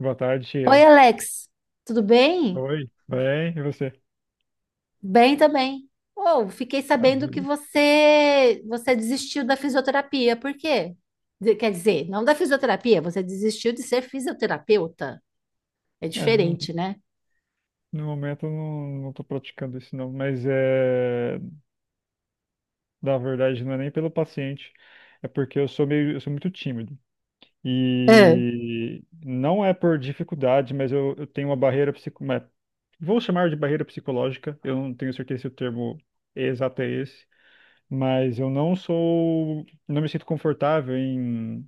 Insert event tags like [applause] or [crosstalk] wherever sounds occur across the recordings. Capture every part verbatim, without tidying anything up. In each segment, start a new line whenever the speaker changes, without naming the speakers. Boa tarde,
Oi,
Sheila.
Alex, tudo bem?
Oi, bem, e você?
Bem também. Oh, fiquei
A
sabendo que
vida.
você você desistiu da fisioterapia. Por quê? De- Quer dizer, não da fisioterapia, você desistiu de ser fisioterapeuta. É
É, no,
diferente, né?
no momento eu não, não tô praticando isso não, mas é, na verdade não é nem pelo paciente, é porque eu sou meio, eu sou muito tímido.
Ah,
E não é por dificuldade, mas eu, eu tenho uma barreira psico, mas vou chamar de barreira psicológica, eu não tenho certeza se o termo exato é esse, mas eu não sou, não me sinto confortável em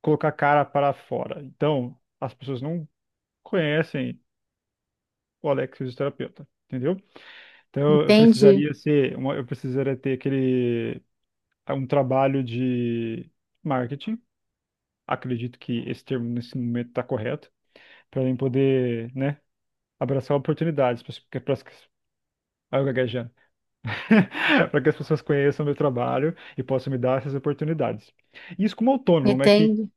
colocar a cara para fora. Então, as pessoas não conhecem o Alex fisioterapeuta, entendeu? Então eu
entendi,
precisaria ser, uma- eu precisaria ter aquele um trabalho de marketing. Acredito que esse termo nesse momento está correto para eu poder, né, abraçar oportunidades para as para gaguejando. [laughs] Para que as pessoas conheçam meu trabalho e possam me dar essas oportunidades. Isso como autônomo, é que
entendi.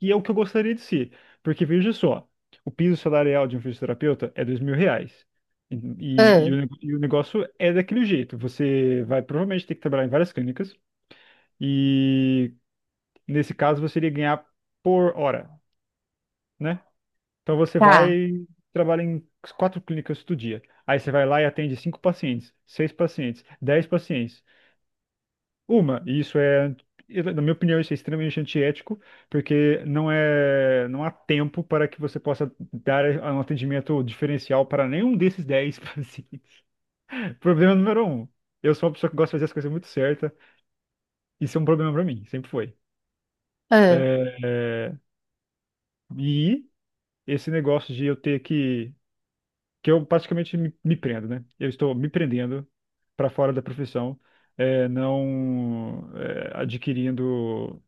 e é o que eu gostaria de ser. Porque veja só, o piso salarial de um fisioterapeuta é dois mil reais. E,
Ah,
e o, nego- e o negócio é daquele jeito. Você vai provavelmente ter que trabalhar em várias clínicas e nesse caso você iria ganhar por hora, né? Então você vai
tá.
trabalha em quatro clínicas do dia. Aí você vai lá e atende cinco pacientes, seis pacientes, dez pacientes. Uma, e isso é, na minha opinião, isso é extremamente antiético, porque não é, não há tempo para que você possa dar um atendimento diferencial para nenhum desses dez pacientes. [laughs] Problema número um. Eu sou uma pessoa que gosta de fazer as coisas muito certas. Isso é um problema para mim, sempre foi. É,
Ah,
é, e esse negócio de eu ter que, que eu praticamente me, me prendo, né? Eu estou me prendendo para fora da profissão, é, não é, adquirindo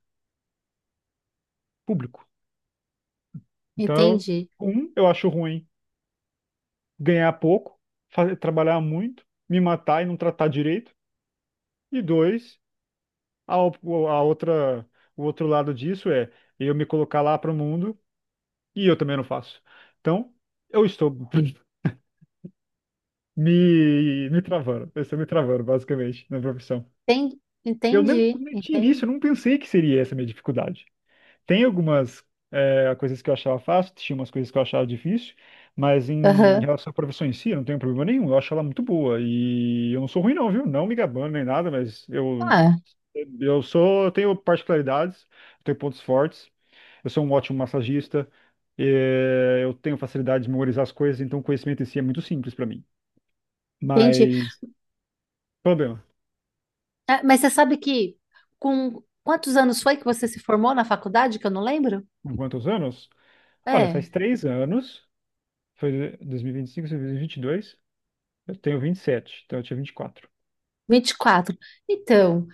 público. Então,
entendi.
eu- um, eu acho ruim ganhar pouco, fa- trabalhar muito, me matar e não tratar direito. E dois, a, o- a outra, o outro lado disso é eu me colocar lá para o mundo e eu também não faço. Então, eu estou [laughs] me, me travando, eu estou me travando, basicamente, na profissão.
Enten-
Eu nem,
Entendi,
nem tinha
entendi.
início, eu não pensei que seria essa a minha dificuldade. Tem algumas eh, coisas que eu achava fácil, tinha umas coisas que eu achava difícil, mas em
Aham.
relação à profissão em si, eu não tenho problema nenhum. Eu acho ela muito boa e eu não sou ruim não, viu? Não me gabando nem nada, mas eu
Ah,
eu sou, eu tenho particularidades, eu tenho pontos fortes. Eu sou um ótimo massagista, eh, eu tenho facilidade de memorizar as coisas, então o conhecimento em si é muito simples para mim.
entendi.
Mas problema,
Ah, mas você sabe que com quantos anos foi que você se formou na faculdade, que eu não lembro?
com quantos anos? Olha, faz
É.
três anos, foi dois dois mil mil vinte vinte e cinco, dois mil e vinte e dois. Eu tenho vinte e sete, então eu tinha vinte e quatro.
Vinte e quatro. Então,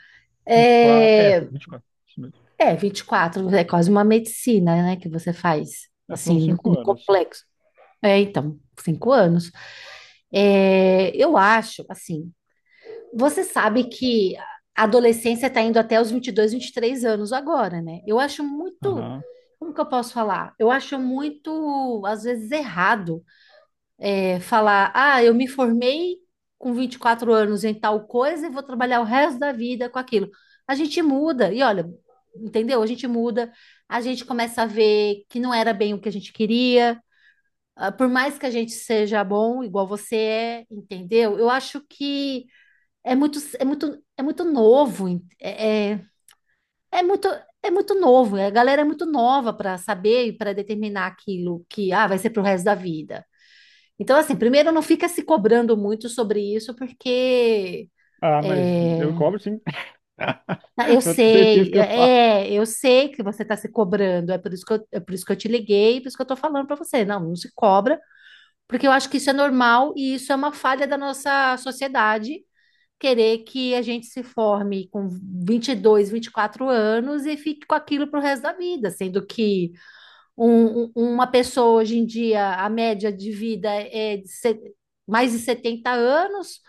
vinte e quatro. É,
é,
foi vinte e quatro. Isso mesmo.
é vinte e quatro é quase uma medicina, né, que você faz,
É, foram
assim, no,
cinco
no
anos.
complexo. É, então, cinco anos. É, eu acho, assim, você sabe que a adolescência está indo até os vinte vinte e dois vinte e três anos agora, né? Eu acho muito,
Aham.
como que eu posso falar? Eu acho muito, às vezes, errado. É, falar, ah, eu me formei com vinte e quatro anos em tal coisa e vou trabalhar o resto da vida com aquilo. A gente muda, e olha, entendeu? A gente muda, a gente começa a ver que não era bem o que a gente queria, ah, por mais que a gente seja bom, igual você é, entendeu? Eu acho que é muito, é muito, é muito novo, en- é, é, é muito. É muito novo, a galera é muito nova para saber e para determinar aquilo que ah, vai ser pro resto da vida. Então, assim, primeiro não fica se cobrando muito sobre isso, porque
Ah, mas eu
é,
cobro sim. [laughs]
ah, eu
Pode ter certeza
sei,
que eu faço.
é, eu sei que você está se cobrando, é por isso que eu, é por isso que eu te liguei, por isso que eu estou falando para você. Não, não se cobra, porque eu acho que isso é normal e isso é uma falha da nossa sociedade, querer que a gente se forme com vinte vinte e dois, vinte e quatro anos e fique com aquilo para o resto da vida, sendo que um- um- uma pessoa hoje em dia, a média de vida é de se- mais de setenta anos.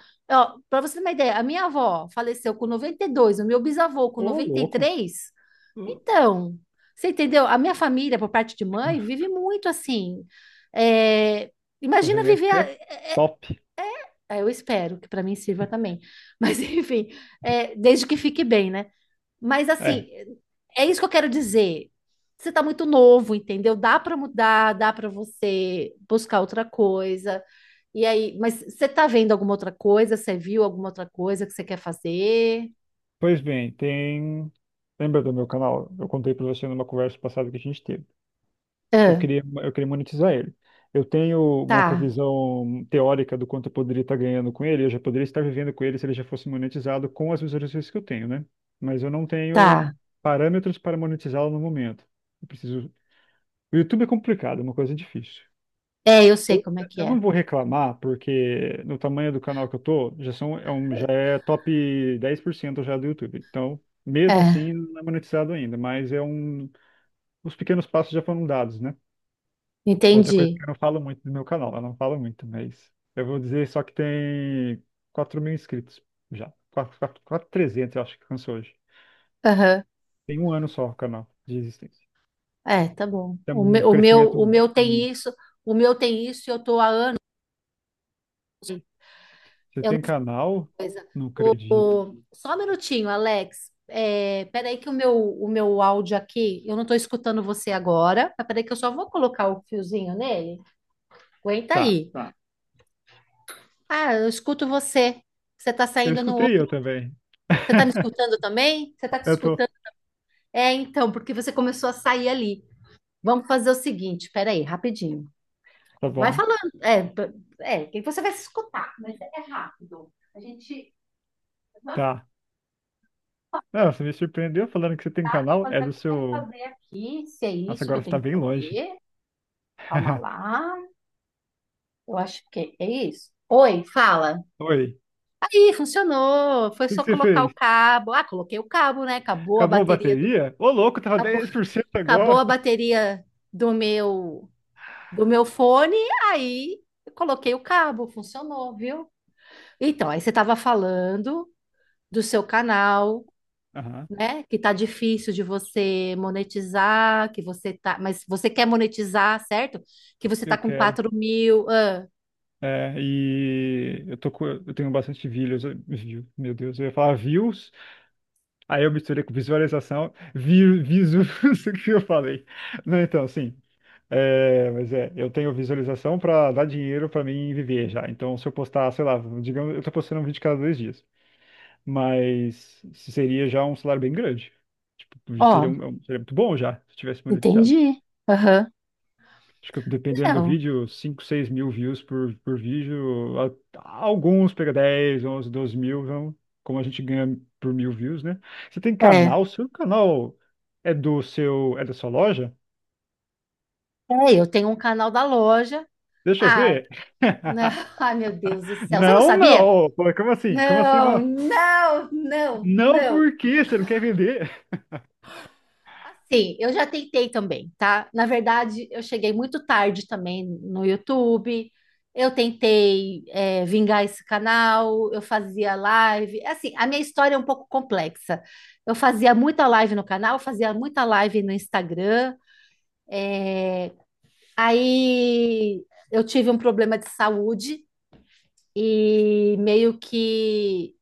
Para você ter uma ideia, a minha avó faleceu com noventa e dois, o meu bisavô com
Ô,
noventa e
louco.
três Então, você entendeu? A minha família, por parte de mãe, vive muito assim. É,
Sua
imagina viver.
genética
A-
é top.
é, eu espero que para mim sirva também. Mas, [laughs] enfim, é, desde que fique bem, né? Mas assim,
É.
é isso que eu quero dizer. Você tá muito novo, entendeu? Dá para mudar, dá para você buscar outra coisa. E aí, mas você tá vendo alguma outra coisa? Você viu alguma outra coisa que você quer fazer?
Pois bem, tem. Lembra do meu canal? Eu contei pra você numa conversa passada que a gente teve. eu
Ah,
queria, eu queria monetizar ele. Eu tenho uma
tá,
previsão teórica do quanto eu poderia estar ganhando com ele, eu já poderia estar vivendo com ele se ele já fosse monetizado com as visualizações que eu tenho, né? Mas eu não tenho
tá.
parâmetros para monetizá-lo no momento. Eu preciso. O YouTube é complicado, é uma coisa difícil.
É, eu sei
Eu,
como é que
eu
é.
não vou reclamar, porque no tamanho do canal que eu tô, já são, é um, já é top dez por cento já do YouTube. Então, mesmo
É,
assim, não é monetizado ainda, mas é um, os pequenos passos já foram dados, né? Outra coisa
entendi.
que eu não falo muito do meu canal, eu não falo muito, mas eu vou dizer só que tem quatro mil inscritos já. quatro mil e trezentos eu acho que alcançou hoje.
Aham.
Tem um ano só o canal de existência.
É, tá bom.
Tem
O
um
meu, o meu,
crescimento.
o meu
hum,
tem isso, o meu tem isso e eu tô a
Você tem canal? Não acredito.
Só um minutinho, Alex. É, peraí que o meu, o meu áudio aqui, eu não estou escutando você agora, mas peraí que eu só vou colocar o fiozinho nele. Aguenta
Tá.
aí. Tá. Ah, eu escuto você. Você está
Eu
saindo no
escutei
outro.
eu também.
Você está me
[laughs]
escutando também? Você está te
Eu tô.
escutando? É, então, porque você começou a sair ali. Vamos fazer o seguinte, peraí, rapidinho.
Tá
Vai
bom.
falando. É, p- é, que você vai se escutar, mas é rápido. A gente vai
Tá. Não, você me surpreendeu falando que você tem canal. É
fazer o
do
que eu quero
seu.
fazer aqui, se é
Nossa,
isso que
agora
eu
você tá
tenho que
bem longe.
fazer. Calma
[laughs]
lá. Eu acho que é isso. Oi, fala.
Oi.
Aí, funcionou. Foi
O que que
só
você
colocar o
fez?
cabo. Ah, coloquei o cabo, né? Acabou a
Acabou a
bateria do
bateria? Ô, louco, tava
acabou,
dez por cento
acabou
agora.
a bateria do meu do meu fone. Aí eu coloquei o cabo, funcionou, viu? Então, aí você estava falando do seu canal,
Aham,
né? Que tá difícil de você monetizar, que você tá, mas você quer monetizar, certo? Que você tá
eu
com
quero.
quatro mil. Ah.
É, e eu tô com, eu tenho bastante views, view, meu Deus, eu ia falar views, aí eu misturei com visualização, vi, visu, [laughs] o que eu falei. Não, então, sim, é, mas é, eu tenho visualização pra dar dinheiro pra mim viver já. Então, se eu postar, sei lá, digamos, eu tô postando um vídeo cada dois dias, mas seria já um salário bem grande. Tipo, seria,
Ó,
um, um, seria muito bom já, se tivesse monetizado.
entendi. Aham.
Acho que dependendo do
Não.
vídeo, cinco, seis mil views por, por vídeo. A- Alguns pega dez, onze, doze mil, vão, como a gente ganha por mil views, né? Você tem
É.
canal, seu canal é do seu, é da sua loja?
É, eu tenho um canal da loja.
Deixa eu
Ah,
ver.
não,
[laughs]
[laughs] ai meu Deus do céu, você não
Não,
sabia?
não. Pô, Como assim? Como assim
Não,
não?
não, não,
Não,
não.
por quê? Você não quer vender?
Assim, eu já tentei também, tá? Na verdade, eu cheguei muito tarde também no YouTube. Eu tentei, é, vingar esse canal, eu fazia live. É, assim, a minha história é um pouco complexa. Eu fazia muita live no canal, fazia muita live no Instagram. Aí eu tive um problema de saúde. E meio que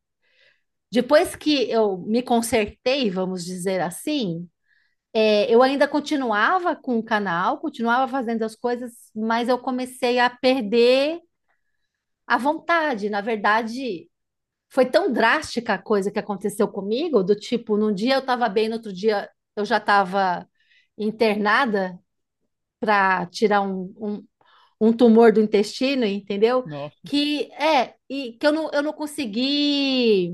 depois que eu me consertei, vamos dizer assim, é, eu ainda continuava com o canal, continuava fazendo as coisas, mas eu comecei a perder a vontade. Na verdade, foi tão drástica a coisa que aconteceu comigo, do tipo, num dia eu estava bem, no outro dia eu já estava internada para tirar um, um, um tumor do intestino, entendeu?
Nossa,
Que é, e que eu não, eu não consegui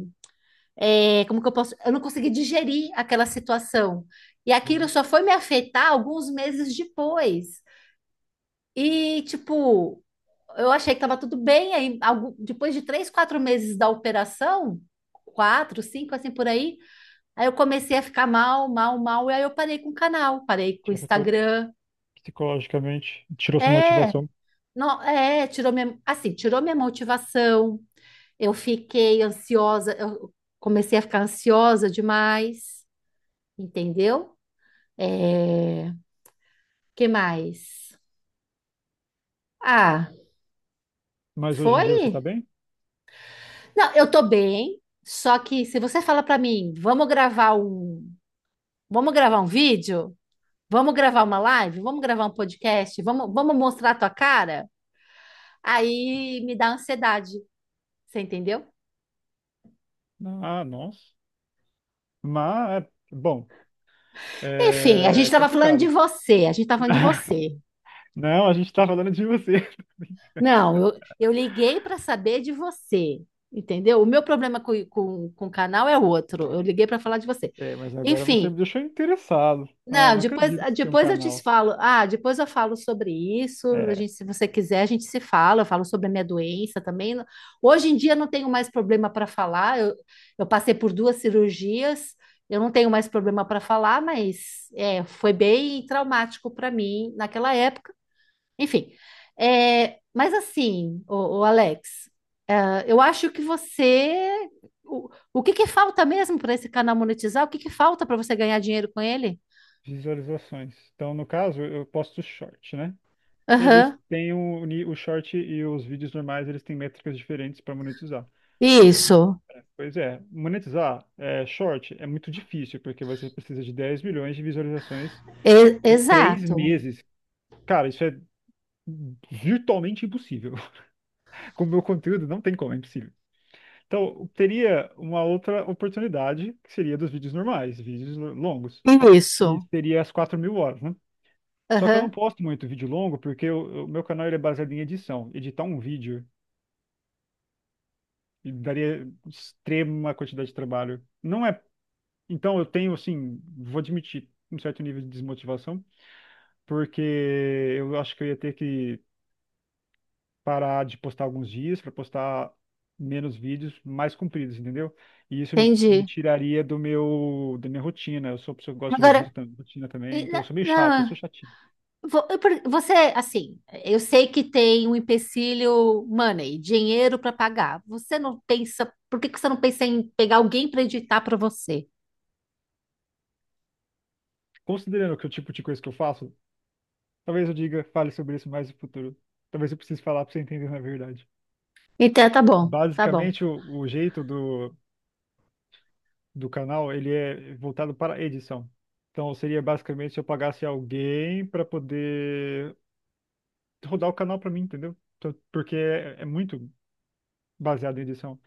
é, como que eu posso? Eu não consegui digerir aquela situação. E aquilo
uhum.
só foi me afetar alguns meses depois. E, tipo, eu achei que estava tudo bem. Aí, algu- depois de três, quatro meses da operação, quatro, cinco, assim por aí, aí eu comecei a ficar mal, mal, mal. E aí eu parei com o canal, parei com
te
o
afetou
Instagram.
psicologicamente, tirou sua
É,
motivação.
não, é, tirou minha, assim, tirou minha motivação. Eu fiquei ansiosa, eu comecei a ficar ansiosa demais, entendeu? É, que mais? Ah,
Mas hoje em dia você tá
foi?
bem?
Não, eu tô bem. Só que se você fala pra mim, vamos gravar um, vamos gravar um vídeo, vamos gravar uma live, vamos gravar um podcast, vamos, vamos mostrar a tua cara, aí me dá ansiedade. Você entendeu?
Não. Ah, nossa. Mas, bom,
Enfim, a gente
é
estava falando de
complicado.
você, a gente estava falando de você.
[laughs] Não, a gente tá falando de você.
Não, eu, eu liguei para saber de você, entendeu? O meu problema com, com, com o canal é outro. Eu liguei para falar de você.
É, mas agora você
Enfim,
me deixou interessado. Ah,
não,
não
depois,
acredito que você tem um
depois eu te
canal.
falo. Ah, depois eu falo sobre isso. A
É,
gente, se você quiser, a gente se fala. Eu falo sobre a minha doença também. Hoje em dia eu não tenho mais problema para falar. Eu, eu passei por duas cirurgias. Eu não tenho mais problema para falar, mas é, foi bem traumático para mim naquela época. Enfim, é, mas assim, o, Alex, ah, eu acho que você. O, o que que falta mesmo para esse canal monetizar? O que que falta para você ganhar dinheiro com ele?
visualizações. Então, no caso, eu posto short, né? Eles têm o, ni- o short e os vídeos normais, eles têm métricas diferentes para monetizar.
Isso,
Pois é, monetizar é, short é muito difícil, porque você precisa de dez milhões de visualizações
e-
em três
exato.
meses. Cara, isso é virtualmente impossível. [laughs] Com o meu conteúdo, não tem como, é impossível. Então, teria uma outra oportunidade, que seria dos vídeos normais, vídeos lo- longos, que
Isso.
seria as quatro mil horas, né? Só que eu não
Aham,
posto muito vídeo longo, porque o, o meu canal ele é baseado em edição. Editar um vídeo daria extrema quantidade de trabalho. Não é. Então, eu tenho, assim, vou admitir, um certo nível de desmotivação, porque eu acho que eu ia ter que parar de postar alguns dias para postar menos vídeos mais compridos, entendeu? E isso me
entendi.
tiraria do meu da minha rotina. Eu sou uma pessoa que gosta de rotina,
Agora,
tam- rotina também,
e-
então eu
na-
sou meio chato, eu sou
na-
chatinho.
vo- eu per- você, assim, eu sei que tem um empecilho money, dinheiro para pagar. Você não pensa, por que que você não pensa em pegar alguém para editar para você?
Considerando que o tipo de coisa que eu faço, talvez eu diga, fale sobre isso mais no futuro. Talvez eu precise falar para você entender na verdade.
Então, tá bom, tá bom.
Basicamente, o, o jeito do, do canal, ele é voltado para edição. Então, seria basicamente se eu pagasse alguém para poder rodar o canal para mim, entendeu? Então, Porque é é muito baseado em edição.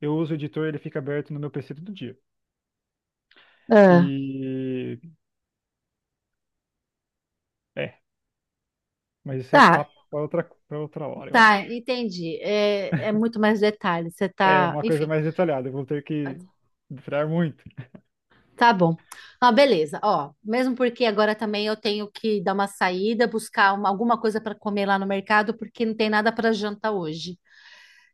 Eu uso o editor, ele fica aberto no meu P C todo dia.
Ah,
E é, mas isso é
tá,
papo para outra, para outra hora, eu
tá,
acho.
entendi. É, é muito mais detalhe. Você
É
tá,
uma coisa
enfim.
mais detalhada, eu vou ter que entrar muito.
Tá bom. Ah, beleza. Ó, mesmo porque agora também eu tenho que dar uma saída, buscar uma- alguma coisa para comer lá no mercado, porque não tem nada para janta hoje.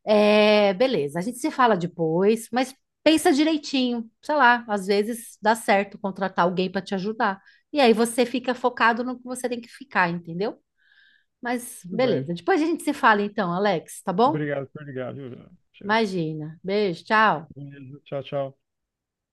É, beleza. A gente se fala depois, mas pensa direitinho. Sei lá, às vezes dá certo contratar alguém para te ajudar. E aí você fica focado no que você tem que ficar, entendeu? Mas
Tudo bem.
beleza. Depois a gente se fala então, Alex, tá bom?
Obrigado por ligar, viu?
Imagina. Beijo, tchau.
Beleza. Tchau, tchau.